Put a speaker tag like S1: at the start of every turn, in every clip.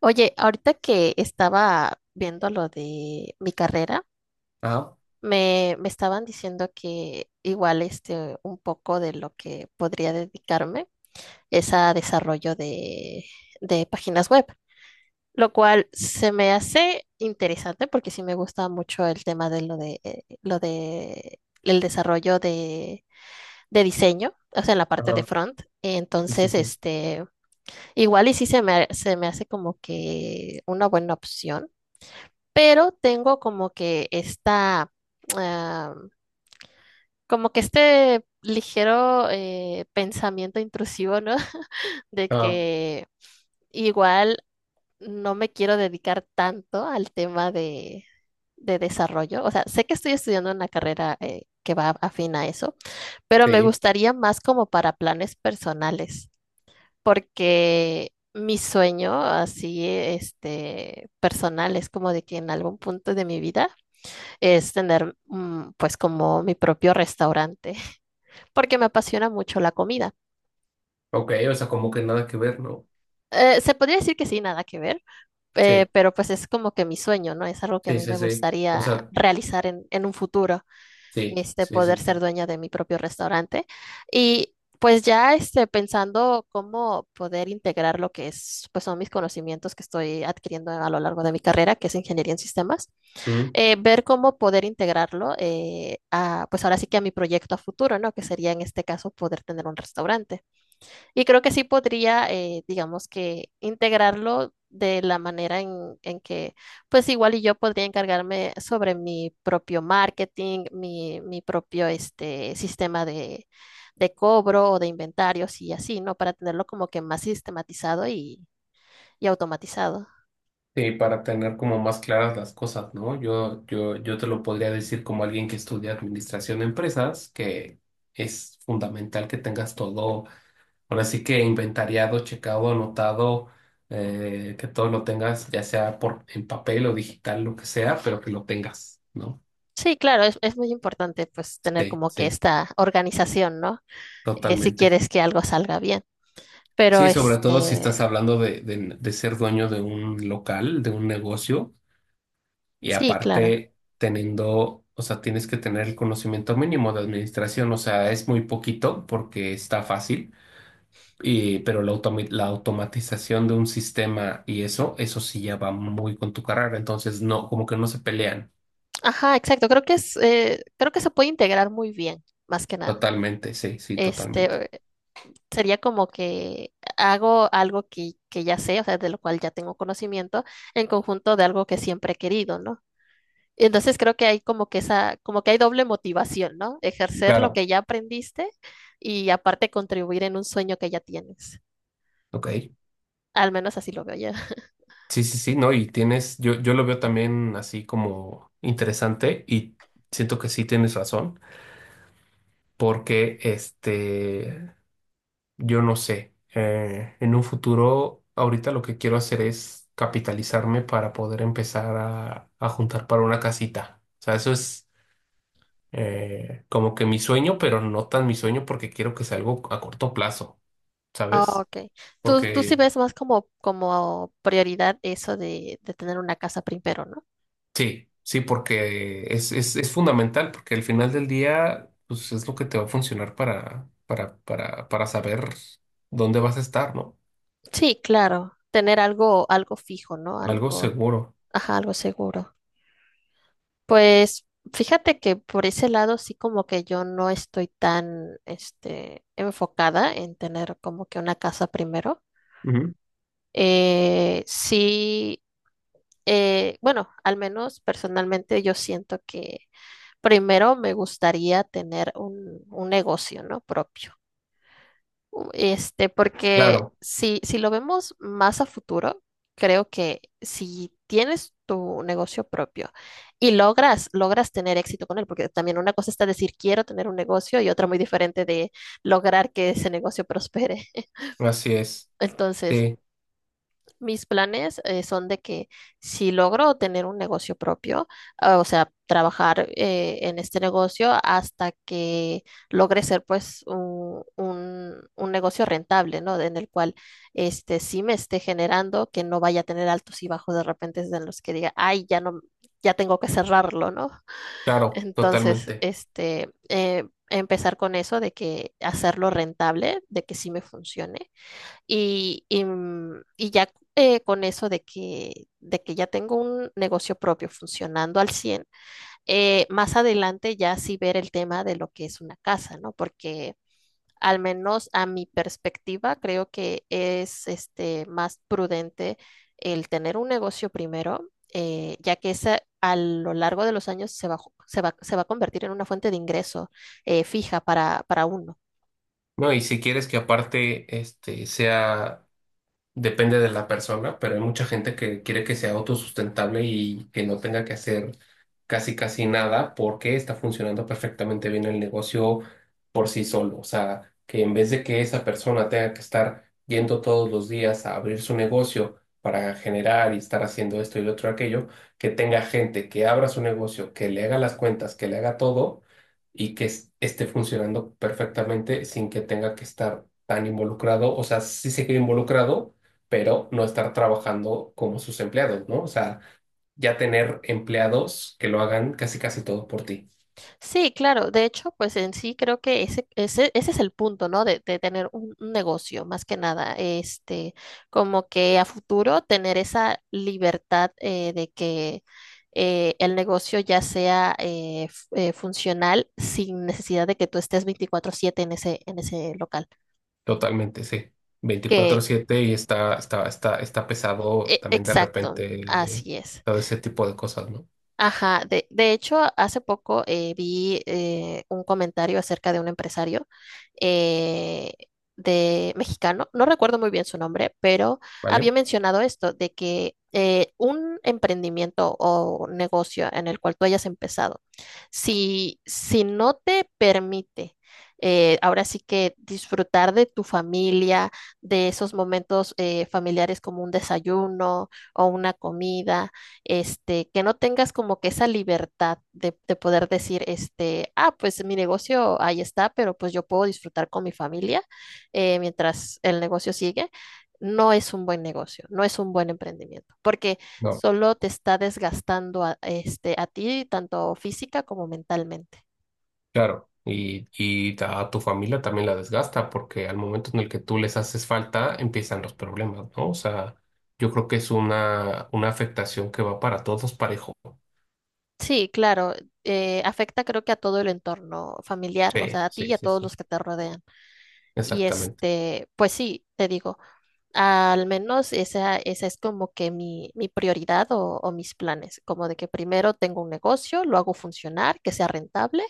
S1: Oye, ahorita que estaba viendo lo de mi carrera,
S2: Ajá,
S1: me estaban diciendo que igual este, un poco de lo que podría dedicarme es a desarrollo de páginas web, lo cual se me hace interesante porque sí me gusta mucho el tema de lo de el desarrollo de diseño, o sea, en la parte de
S2: ajá,
S1: front.
S2: sí, sí,
S1: Entonces,
S2: sí.
S1: este, igual y sí se me hace como que una buena opción, pero tengo como que esta, ah, como que este ligero pensamiento intrusivo, ¿no? De
S2: Ajá,
S1: que igual no me quiero dedicar tanto al tema de desarrollo. O sea, sé que estoy estudiando una carrera que va afín a eso, pero me
S2: sí,
S1: gustaría más como para planes personales, porque mi sueño así, este, personal es como de que en algún punto de mi vida es tener pues como mi propio restaurante, porque me apasiona mucho la comida.
S2: ok, o sea, como que nada que ver, ¿no?
S1: Se podría decir que sí, nada que ver,
S2: Sí,
S1: pero pues es como que mi sueño, ¿no? Es algo que a
S2: sí,
S1: mí
S2: sí,
S1: me
S2: sí. O
S1: gustaría
S2: sea,
S1: realizar en un futuro,
S2: sí,
S1: este,
S2: sí,
S1: poder
S2: sí,
S1: ser
S2: sí.
S1: dueña de mi propio restaurante. Y pues ya este, pensando cómo poder integrar lo que es, pues son mis conocimientos que estoy adquiriendo a lo largo de mi carrera, que es ingeniería en sistemas,
S2: Mm,
S1: ver cómo poder integrarlo a, pues ahora sí que a mi proyecto a futuro, ¿no? Que sería en este caso poder tener un restaurante. Y creo que sí podría, digamos que integrarlo de la manera en que, pues igual y yo podría encargarme sobre mi propio marketing, mi propio este, sistema de cobro o de inventarios y así, ¿no? Para tenerlo como que más sistematizado y automatizado.
S2: sí, para tener como más claras las cosas, ¿no? Yo te lo podría decir como alguien que estudia administración de empresas, que es fundamental que tengas todo, ahora sí que inventariado, checado, anotado, que todo lo tengas, ya sea por en papel o digital, lo que sea, pero que lo tengas, ¿no?
S1: Sí, claro, es muy importante pues tener
S2: Sí,
S1: como que
S2: sí,
S1: esta organización, ¿no? Si
S2: totalmente.
S1: quieres que algo salga bien. Pero
S2: Sí, sobre todo si estás
S1: este,
S2: hablando de ser dueño de un local, de un negocio, y
S1: sí, claro.
S2: aparte teniendo, o sea, tienes que tener el conocimiento mínimo de administración, o sea, es muy poquito porque está fácil, y pero la automatización de un sistema y eso sí ya va muy con tu carrera, entonces no, como que no se pelean
S1: Ajá, exacto. Creo que se puede integrar muy bien, más que nada.
S2: totalmente, sí, sí, totalmente.
S1: Este, eh, sería como que hago algo que ya sé, o sea, de lo cual ya tengo conocimiento, en conjunto de algo que siempre he querido, ¿no? Y entonces creo que hay como que hay doble motivación, ¿no? Ejercer lo
S2: Claro,
S1: que ya aprendiste y aparte contribuir en un sueño que ya tienes.
S2: ok.
S1: Al menos así lo veo yo.
S2: Sí, sí, sí, no, y tienes, yo lo veo también así como interesante y siento que sí tienes razón, porque este, yo no sé, en un futuro, ahorita lo que quiero hacer es capitalizarme para poder empezar a juntar para una casita. O sea, eso es como que mi sueño, pero no tan mi sueño porque quiero que sea algo a corto plazo,
S1: Ah,
S2: ¿sabes?
S1: ok. Tú
S2: Porque
S1: sí ves más como prioridad eso de tener una casa primero, ¿no?
S2: sí, sí, porque es fundamental, porque al final del día, pues es lo que te va a funcionar para saber dónde vas a estar, ¿no?
S1: Sí, claro. Tener algo, algo fijo, ¿no?
S2: Algo
S1: Algo,
S2: seguro.
S1: ajá, algo seguro. Pues fíjate que por ese lado sí como que yo no estoy tan, este, enfocada en tener como que una casa primero.
S2: Ujú.
S1: Sí, bueno, al menos personalmente yo siento que primero me gustaría tener un negocio, ¿no? Propio. Este, porque
S2: Claro,
S1: si lo vemos más a futuro, creo que si tienes tu negocio propio y logras tener éxito con él, porque también una cosa está decir quiero tener un negocio y otra muy diferente de lograr que ese negocio prospere.
S2: así es.
S1: Entonces,
S2: Sí,
S1: mis planes son de que si logro tener un negocio propio, o sea, trabajar en este negocio hasta que logre ser pues un negocio rentable, ¿no? En el cual este sí me esté generando, que no vaya a tener altos y bajos de repente en los que diga, ay, ya no, ya tengo que cerrarlo, ¿no?
S2: claro,
S1: Entonces,
S2: totalmente.
S1: este, empezar con eso de que hacerlo rentable, de que sí me funcione y ya con eso de que ya tengo un negocio propio funcionando al 100 más adelante ya sí ver el tema de lo que es una casa, ¿no? Porque al menos a mi perspectiva creo que es este, más prudente el tener un negocio primero, ya que esa, a lo largo de los años se va, ju- se va a convertir en una fuente de ingreso fija para uno.
S2: No, y si quieres que aparte este sea. Depende de la persona, pero hay mucha gente que quiere que sea autosustentable y que no tenga que hacer casi casi nada porque está funcionando perfectamente bien el negocio por sí solo. O sea, que en vez de que esa persona tenga que estar yendo todos los días a abrir su negocio para generar y estar haciendo esto y lo otro aquello, que tenga gente que abra su negocio, que le haga las cuentas, que le haga todo y que esté funcionando perfectamente sin que tenga que estar tan involucrado. O sea, sí seguir involucrado, pero no estar trabajando como sus empleados, ¿no? O sea, ya tener empleados que lo hagan casi casi todo por ti.
S1: Sí, claro. De hecho, pues en sí creo que ese es el punto, ¿no? De tener un negocio, más que nada. Este, como que a futuro tener esa libertad de que el negocio ya sea funcional sin necesidad de que tú estés 24/7 en ese local.
S2: Totalmente, sí.
S1: Que,
S2: 24/7 y está pesado también de
S1: exacto,
S2: repente,
S1: así es.
S2: todo ese tipo de cosas, ¿no?
S1: Ajá, de hecho, hace poco vi un comentario acerca de un empresario eh, de mexicano, no recuerdo muy bien su nombre, pero había
S2: ¿Vale?
S1: mencionado esto, de que un emprendimiento o negocio en el cual tú hayas empezado, si no te permite, ahora sí que disfrutar de tu familia, de esos momentos familiares como un desayuno o una comida, este, que no tengas como que esa libertad de poder decir, este, pues mi negocio ahí está, pero pues yo puedo disfrutar con mi familia mientras el negocio sigue, no es un buen negocio, no es un buen emprendimiento, porque
S2: No,
S1: solo te está desgastando a, este, a ti, tanto física como mentalmente.
S2: claro. Y a tu familia también la desgasta porque al momento en el que tú les haces falta empiezan los problemas, ¿no? O sea, yo creo que es una afectación que va para todos parejo.
S1: Sí, claro, afecta creo que a todo el entorno familiar, o
S2: Sí,
S1: sea, a ti y
S2: sí,
S1: a
S2: sí,
S1: todos
S2: sí.
S1: los que te rodean. Y
S2: Exactamente.
S1: este, pues sí, te digo. Al menos esa es como que mi prioridad o mis planes, como de que primero tengo un negocio, lo hago funcionar, que sea rentable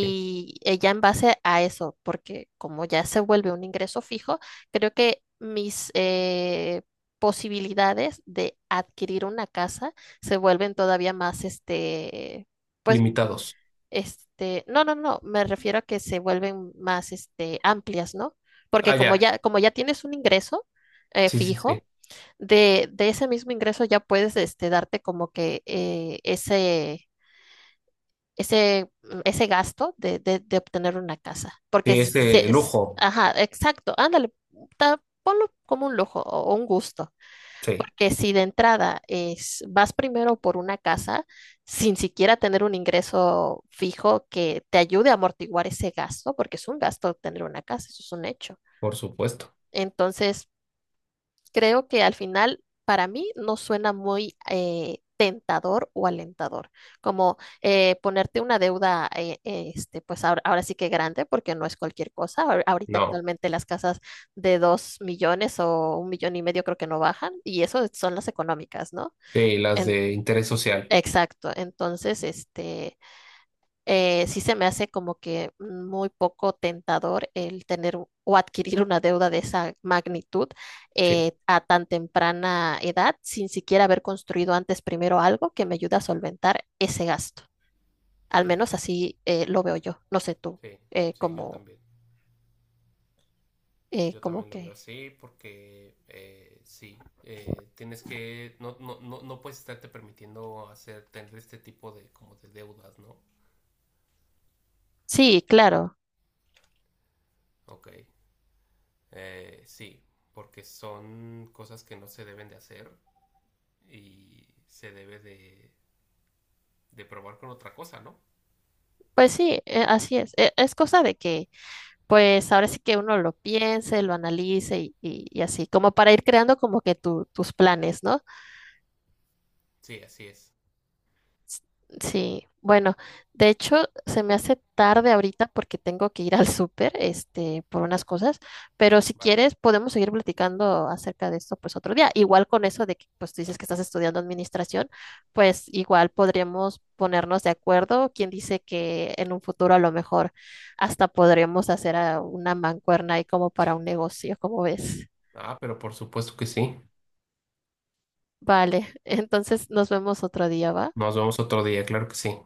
S2: Sí.
S1: ya en base a eso, porque como ya se vuelve un ingreso fijo, creo que mis posibilidades de adquirir una casa se vuelven todavía más, este, pues
S2: Limitados.
S1: este, no, no, no, me refiero a que se vuelven más, este, amplias, ¿no? Porque
S2: Ah,
S1: como
S2: ya.
S1: ya, como ya tienes un ingreso
S2: Sí, sí, sí.
S1: fijo, de ese mismo ingreso ya puedes, este, darte como que ese gasto de obtener una casa. Porque
S2: Sí, es de lujo.
S1: ajá, exacto, ándale, ponlo como un lujo o un gusto.
S2: Sí,
S1: Porque si de entrada vas primero por una casa sin siquiera tener un ingreso fijo que te ayude a amortiguar ese gasto, porque es un gasto tener una casa, eso es un hecho.
S2: por supuesto.
S1: Entonces, creo que al final, para mí, no suena muy tentador o alentador, como ponerte una deuda, este, pues ahora sí que grande, porque no es cualquier cosa. Ahorita
S2: No.
S1: actualmente las casas de 2 millones o un millón y medio creo que no bajan, y eso son las económicas, ¿no?
S2: Sí, las
S1: En-
S2: de interés social.
S1: exacto. Entonces, este, sí se me hace como que muy poco tentador el tener o adquirir una deuda de esa magnitud
S2: Sí.
S1: a tan temprana edad, sin siquiera haber construido antes primero algo que me ayude a solventar ese gasto. Al
S2: Ok.
S1: menos así lo veo yo. No sé tú,
S2: Sí,
S1: eh,
S2: sí, yo
S1: como,
S2: también. Yo
S1: como
S2: también lo veo
S1: que.
S2: así porque sí, tienes que, no, no, no, no puedes estarte permitiendo hacer, tener este tipo de, como de deudas, ¿no?
S1: Sí, claro.
S2: Ok. Sí, porque son cosas que no se deben de hacer y se debe de probar con otra cosa, ¿no?
S1: Pues sí, así es. Es cosa de que pues ahora sí que uno lo piense, lo analice y así, como para ir creando como que tus planes, ¿no?
S2: Sí, así es.
S1: Sí, bueno, de hecho se me hace tarde ahorita porque tengo que ir al súper, este, por unas cosas, pero si
S2: Vale.
S1: quieres podemos seguir platicando acerca de esto pues otro día. Igual con eso de que pues tú dices que estás estudiando administración, pues igual podríamos ponernos de acuerdo. Quien dice que en un futuro a lo mejor hasta podremos hacer una mancuerna ahí como para un negocio, ¿como ves?
S2: Ah, pero por supuesto que sí.
S1: Vale, entonces nos vemos otro día, ¿va?
S2: Nos vemos otro día, claro que sí.